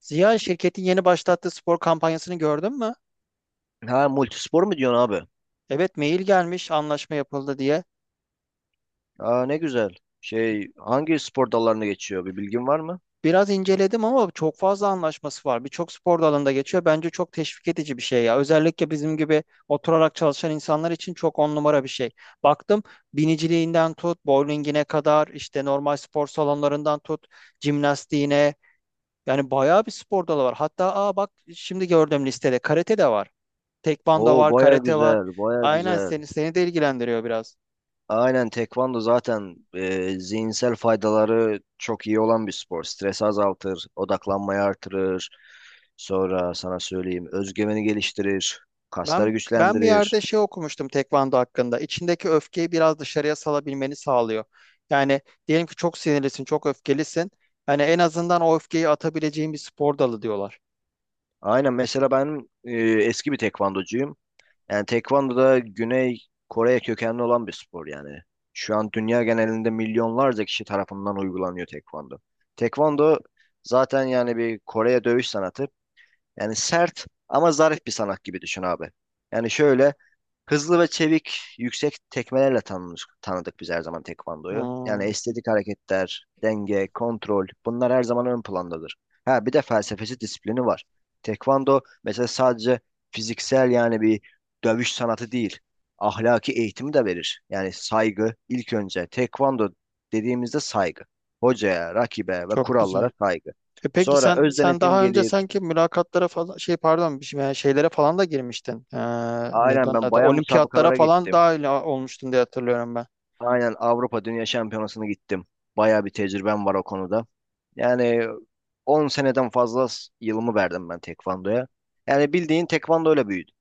Ziya, şirketin yeni başlattığı spor kampanyasını gördün mü? Ha multispor mu diyorsun abi? Evet, mail gelmiş anlaşma yapıldı diye. Aa ne güzel. Şey hangi spor dallarına geçiyor bir bilgin var mı? Biraz inceledim ama çok fazla anlaşması var. Birçok spor dalında geçiyor. Bence çok teşvik edici bir şey ya. Özellikle bizim gibi oturarak çalışan insanlar için çok on numara bir şey. Baktım, biniciliğinden tut, bowlingine kadar, işte normal spor salonlarından tut, jimnastiğine. Yani bayağı bir spor dalı var. Hatta aa bak, şimdi gördüm listede karate de var. Tekvando Oo var, baya karate var. güzel baya Aynen, güzel. seni de ilgilendiriyor biraz. Aynen tekvando zaten zihinsel faydaları çok iyi olan bir spor. Stres azaltır, odaklanmayı artırır. Sonra sana söyleyeyim özgüveni geliştirir, kasları Ben bir güçlendirir. yerde şey okumuştum tekvando hakkında. İçindeki öfkeyi biraz dışarıya salabilmeni sağlıyor. Yani diyelim ki çok sinirlisin, çok öfkelisin. Hani en azından o öfkeyi atabileceğin bir spor dalı diyorlar. Aynen mesela ben eski bir tekvandocuyum. Yani tekvando da Güney Kore kökenli olan bir spor yani. Şu an dünya genelinde milyonlarca kişi tarafından uygulanıyor tekvando. Tekvando zaten yani bir Kore'ye dövüş sanatı. Yani sert ama zarif bir sanat gibi düşün abi. Yani şöyle hızlı ve çevik, yüksek tekmelerle tanıdık biz her zaman tekvandoyu. Yani Hmm, estetik hareketler, denge, kontrol bunlar her zaman ön plandadır. Ha bir de felsefesi, disiplini var. Tekvando mesela sadece fiziksel yani bir dövüş sanatı değil. Ahlaki eğitimi de verir. Yani saygı ilk önce. Tekvando dediğimizde saygı. Hocaya, rakibe ve çok güzel. kurallara saygı. E peki Sonra sen öz sen denetim daha önce gelir. sanki mülakatlara falan şey, pardon, yani şeylere falan da girmiştin. Neydi Aynen onun ben adı? bayan Olimpiyatlara müsabakalara falan gittim. dahil olmuştun diye hatırlıyorum ben. Aynen Avrupa Dünya Şampiyonası'na gittim. Bayağı bir tecrübem var o konuda. Yani 10 seneden fazla yılımı verdim ben tekvandoya. Yani bildiğin tekvandoyla büyüdüm.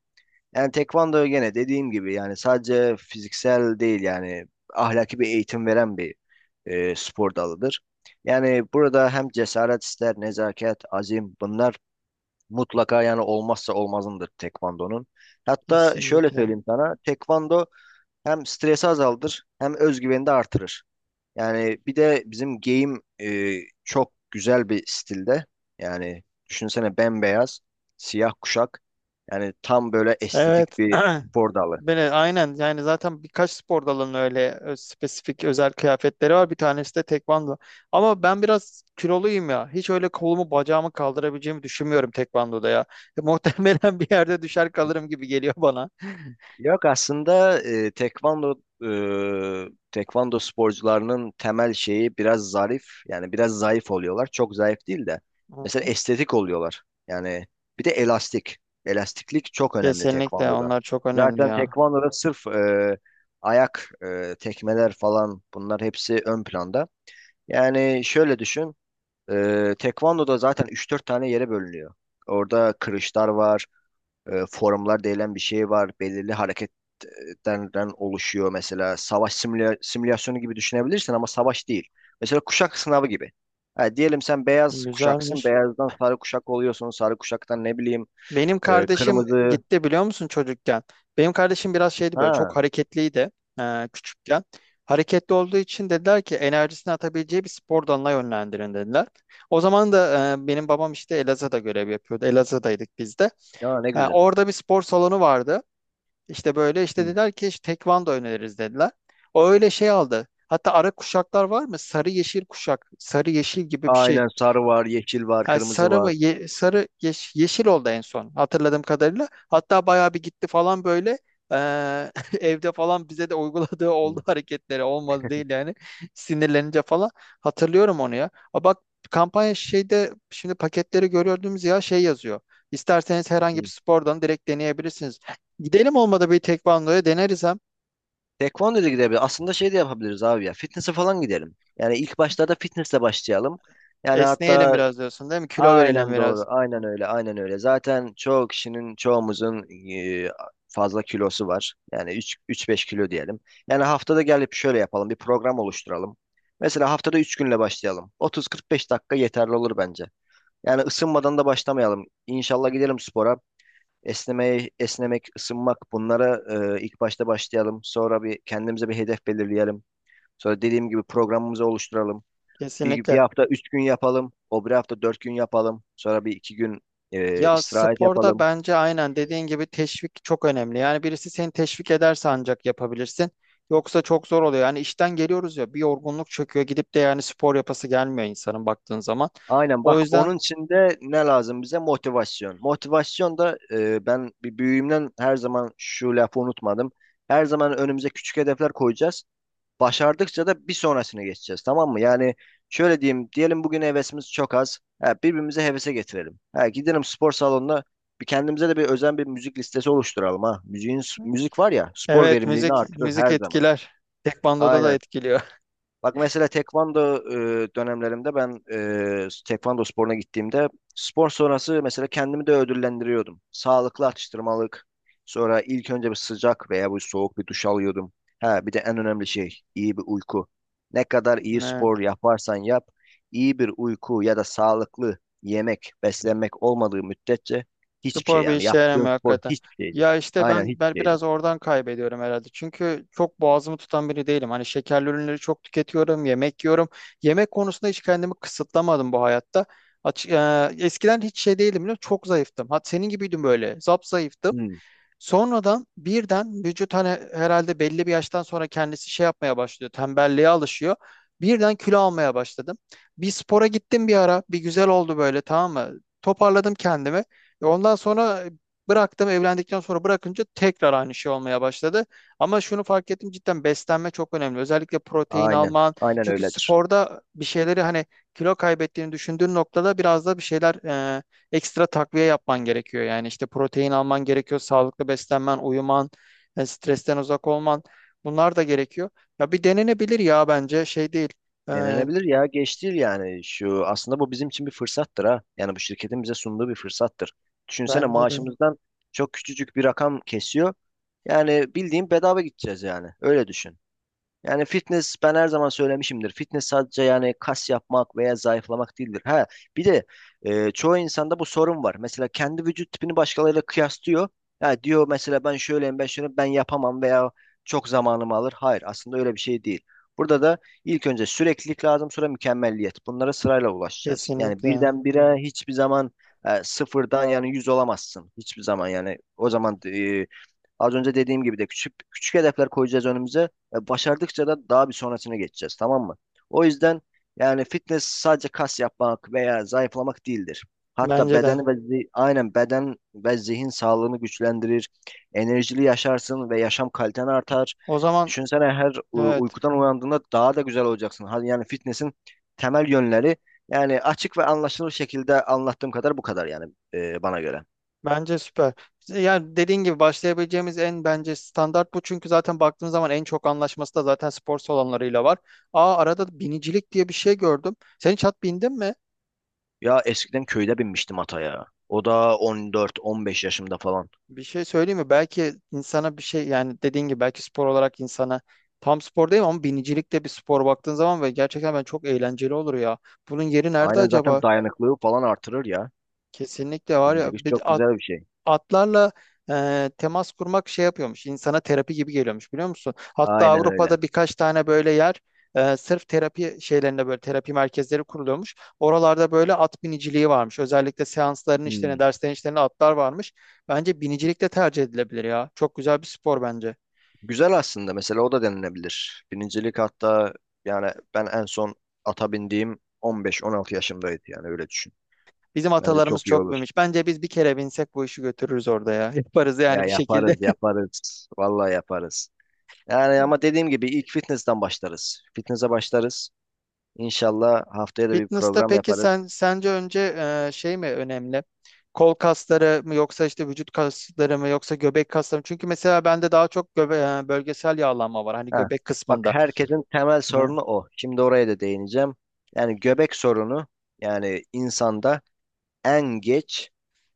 Yani tekvando gene dediğim gibi yani sadece fiziksel değil yani ahlaki bir eğitim veren bir spor dalıdır. Yani burada hem cesaret ister, nezaket, azim bunlar mutlaka yani olmazsa olmazındır tekvandonun. Hatta şöyle Kesinlikle. söyleyeyim sana, tekvando hem stresi azaldır hem özgüveni de artırır. Yani bir de bizim game çok güzel bir stilde. Yani düşünsene bembeyaz, siyah kuşak. Yani tam böyle estetik Evet. bir spor dalı. Böyle aynen, yani zaten birkaç spor dalının öyle spesifik özel kıyafetleri var. Bir tanesi de tekvando. Ama ben biraz kiloluyum ya. Hiç öyle kolumu bacağımı kaldırabileceğimi düşünmüyorum tekvandoda ya. Muhtemelen bir yerde düşer kalırım gibi geliyor bana. Yok aslında tekvando sporcularının temel şeyi biraz zarif yani biraz zayıf oluyorlar. Çok zayıf değil de mesela Hı. estetik oluyorlar. Yani bir de elastik. Elastiklik çok önemli Kesinlikle, tekvandoda. onlar çok önemli Zaten ya. tekvandoda sırf ayak tekmeler falan bunlar hepsi ön planda. Yani şöyle düşün. Tekvandoda zaten üç dört tane yere bölünüyor. Orada kırışlar var forumlar denilen bir şey var. Belirli hareketlerden oluşuyor. Mesela savaş simülasyonu gibi düşünebilirsin ama savaş değil. Mesela kuşak sınavı gibi. Ha, diyelim sen beyaz kuşaksın. Güzelmiş. Beyazdan sarı kuşak oluyorsun. Sarı kuşaktan ne bileyim Benim kardeşim kırmızı. gitti biliyor musun çocukken? Benim kardeşim biraz şeydi, böyle çok Ha, hareketliydi küçükken. Hareketli olduğu için dediler ki enerjisini atabileceği bir spor dalına yönlendirin dediler. O zaman da benim babam işte Elazığ'da görev yapıyordu. Elazığ'daydık biz de. ya ne güzel. Orada bir spor salonu vardı. İşte böyle işte Hı. dediler ki işte tekvando öneririz dediler. O öyle şey aldı. Hatta ara kuşaklar var mı? Sarı yeşil kuşak, sarı yeşil gibi bir şey. Aynen sarı var, yeşil var, Ha, kırmızı sarı mı? var. Sarı yeşil oldu en son hatırladığım kadarıyla. Hatta bayağı bir gitti falan böyle. Ee, evde falan bize de uyguladığı Hı, oldu hareketleri olmadı değil yani sinirlenince falan hatırlıyorum onu ya. A bak, kampanya şeyde şimdi paketleri görüyordunuz ya şey yazıyor. İsterseniz herhangi bir hı. spordan direkt deneyebilirsiniz. Gidelim, olmadı bir tekvandoya deneriz, hem Tekvando da gidebilir. Aslında şey de yapabiliriz abi ya. Fitness'e falan gidelim. Yani ilk başlarda fitness'le başlayalım. Yani esneyelim hatta, biraz diyorsun değil mi? Kilo verelim aynen doğru. biraz. Aynen öyle. Aynen öyle. Zaten çoğu kişinin, çoğumuzun e, fazla kilosu var. Yani 3 3-5 kilo diyelim. Yani haftada gelip şöyle yapalım. Bir program oluşturalım. Mesela haftada 3 günle başlayalım. 30-45 dakika yeterli olur bence. Yani ısınmadan da başlamayalım. İnşallah gidelim spora. Esnemeye, esnemek, ısınmak bunlara ilk başta başlayalım. Sonra bir kendimize bir hedef belirleyelim. Sonra dediğim gibi programımızı oluşturalım. Bir Kesinlikle. hafta üç gün yapalım. O bir hafta dört gün yapalım. Sonra bir iki gün Ya istirahat sporda yapalım. bence aynen dediğin gibi teşvik çok önemli. Yani birisi seni teşvik ederse ancak yapabilirsin. Yoksa çok zor oluyor. Yani işten geliyoruz ya, bir yorgunluk çöküyor, gidip de yani spor yapası gelmiyor insanın baktığın zaman. Aynen bak O yüzden onun için de ne lazım bize? Motivasyon. Motivasyon da ben bir büyüğümden her zaman şu lafı unutmadım. Her zaman önümüze küçük hedefler koyacağız. Başardıkça da bir sonrasına geçeceğiz tamam mı? Yani şöyle diyeyim diyelim bugün hevesimiz çok az. Ha, birbirimize hevese getirelim. Ha, gidelim spor salonuna bir kendimize de bir özen bir müzik listesi oluşturalım ha. Müzik var ya spor evet, verimliliğini müzik artırır müzik her zaman. etkiler. Tekvandoda da Aynen. etkiliyor. Bak mesela tekvando dönemlerimde ben tekvando sporuna gittiğimde spor sonrası mesela kendimi de ödüllendiriyordum. Sağlıklı atıştırmalık. Sonra ilk önce bir sıcak veya bu soğuk bir duş alıyordum. Ha bir de en önemli şey iyi bir uyku. Ne kadar iyi spor yaparsan yap, iyi bir uyku ya da sağlıklı yemek, beslenmek olmadığı müddetçe hiçbir şey Spor bir yani işe yaptığın yaramıyor spor hakikaten. hiçbir şeydir. Ya işte Aynen ben hiçbir şeydir. biraz oradan kaybediyorum herhalde. Çünkü çok boğazımı tutan biri değilim. Hani şekerli ürünleri çok tüketiyorum, yemek yiyorum. Yemek konusunda hiç kendimi kısıtlamadım bu hayatta. Açık, eskiden hiç şey değilim, biliyor musun? Çok zayıftım. Hat senin gibiydim böyle. Zap zayıftım. Hmm. Sonradan birden vücut hani herhalde belli bir yaştan sonra kendisi şey yapmaya başlıyor. Tembelliğe alışıyor. Birden kilo almaya başladım. Bir spora gittim bir ara. Bir güzel oldu böyle, tamam mı? Toparladım kendimi. E ondan sonra bıraktım. Evlendikten sonra bırakınca tekrar aynı şey olmaya başladı. Ama şunu fark ettim, cidden beslenme çok önemli. Özellikle protein Aynen. alman. Aynen Çünkü öyledir. sporda bir şeyleri hani kilo kaybettiğini düşündüğün noktada biraz da bir şeyler ekstra takviye yapman gerekiyor. Yani işte protein alman gerekiyor, sağlıklı beslenmen, uyuman, stresten uzak olman, bunlar da gerekiyor. Ya bir denenebilir ya, bence şey değil. Ee, Denenebilir ya geç değil yani şu aslında bu bizim için bir fırsattır ha. Yani bu şirketin bize sunduğu bir fırsattır. Düşünsene bence de maaşımızdan çok küçücük bir rakam kesiyor. Yani bildiğin bedava gideceğiz yani. Öyle düşün. Yani fitness ben her zaman söylemişimdir. Fitness sadece yani kas yapmak veya zayıflamak değildir. Ha, bir de çoğu insanda bu sorun var. Mesela kendi vücut tipini başkalarıyla kıyaslıyor. Ya diyor mesela ben şöyleyim ben şöyle ben yapamam veya çok zamanımı alır. Hayır aslında öyle bir şey değil. Burada da ilk önce süreklilik lazım sonra mükemmelliyet. Bunlara sırayla ulaşacağız. Yani kesinlikle. birdenbire hiçbir zaman sıfırdan yani yüz olamazsın. Hiçbir zaman yani o zaman az önce dediğim gibi de küçük küçük hedefler koyacağız önümüze. Başardıkça da daha bir sonrasına geçeceğiz tamam mı? O yüzden yani fitness sadece kas yapmak veya zayıflamak değildir. Hatta Bence de. beden ve aynen beden ve zihin sağlığını güçlendirir. Enerjili yaşarsın ve yaşam kaliten artar. O zaman Düşünsene her evet, uykudan uyandığında daha da güzel olacaksın. Hadi yani fitness'in temel yönleri yani açık ve anlaşılır şekilde anlattığım kadar bu kadar yani bana göre. bence süper. Yani dediğin gibi başlayabileceğimiz en bence standart bu. Çünkü zaten baktığın zaman en çok anlaşması da zaten spor salonlarıyla var. Aa, arada binicilik diye bir şey gördüm. Sen hiç at bindin mi? Ya eskiden köyde binmiştim ataya. O da 14-15 yaşımda falan. Bir şey söyleyeyim mi? Belki insana bir şey, yani dediğin gibi belki spor olarak insana tam spor değil ama binicilik de bir spor baktığın zaman ve gerçekten ben çok eğlenceli olur ya. Bunun yeri nerede Aynen zaten acaba? dayanıklılığı falan artırır ya. Kesinlikle var ya. Binicilik Bir, çok güzel bir şey. atlarla temas kurmak şey yapıyormuş. İnsana terapi gibi geliyormuş biliyor musun? Hatta Aynen öyle. Avrupa'da birkaç tane böyle yer, sırf terapi şeylerinde böyle terapi merkezleri kuruluyormuş. Oralarda böyle at biniciliği varmış. Özellikle seansların işlerine, Hmm. derslerin işlerine atlar varmış. Bence binicilik de tercih edilebilir ya. Çok güzel bir spor bence. Güzel aslında. Mesela o da denilebilir. Binicilik hatta yani ben en son ata bindiğim 15-16 yaşımdaydı yani öyle düşün. Bizim Bence atalarımız çok iyi çok olur. binmiş. Bence biz bir kere binsek bu işi götürürüz orada ya. Yaparız Ya yani bir şekilde. yaparız yaparız. Vallahi yaparız. Yani ama dediğim gibi ilk fitness'ten başlarız. Fitness'e başlarız. İnşallah haftaya da bir Fitness'ta program peki yaparız. sen sence önce şey mi önemli? Kol kasları mı, yoksa işte vücut kasları mı, yoksa göbek kasları mı? Çünkü mesela bende daha çok bölgesel yağlanma var hani Ha, göbek bak kısmında. herkesin temel Hı. sorunu o. Şimdi oraya da değineceğim. Yani göbek sorunu yani insanda en geç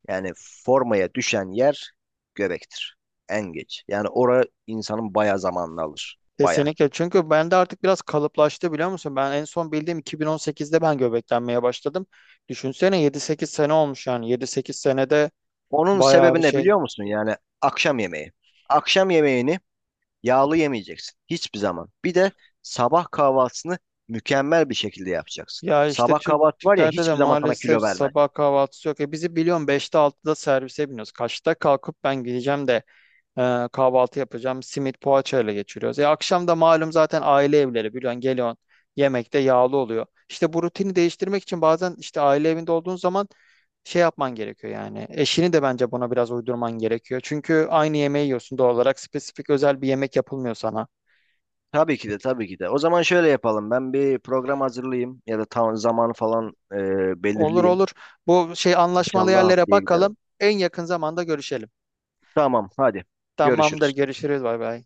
yani formaya düşen yer göbektir. En geç. Yani oraya insanın baya zamanını alır. Baya. Kesinlikle. Çünkü bende artık biraz kalıplaştı biliyor musun? Ben en son bildiğim 2018'de ben göbeklenmeye başladım. Düşünsene 7-8 sene olmuş yani. 7-8 senede Onun bayağı bir sebebi ne şey. biliyor musun? Yani akşam yemeği. Akşam yemeğini yağlı yemeyeceksin. Hiçbir zaman. Bir de sabah kahvaltısını mükemmel bir şekilde yapacaksın. Ya işte Sabah Türk kahvaltı var ya Türklerde de hiçbir zaman sana maalesef kilo vermez. sabah kahvaltısı yok. E bizi biliyorsun beşte altıda servise biniyoruz. Kaçta kalkıp ben gideceğim de kahvaltı yapacağım. Simit poğaçayla geçiriyoruz. Akşam da malum zaten aile evleri biliyorsun, geliyorsun yemekte yağlı oluyor. İşte bu rutini değiştirmek için bazen işte aile evinde olduğun zaman şey yapman gerekiyor yani. Eşini de bence buna biraz uydurman gerekiyor. Çünkü aynı yemeği yiyorsun doğal olarak. Spesifik özel bir yemek yapılmıyor sana. Tabii ki de tabii ki de. O zaman şöyle yapalım. Ben bir program hazırlayayım ya da tam zamanı falan Olur belirleyeyim. olur. Bu şey anlaşmalı İnşallah yerlere haftaya gidelim. bakalım. En yakın zamanda görüşelim. Tamam hadi. Tamamdır. Görüşürüz. Görüşürüz. Bay bay.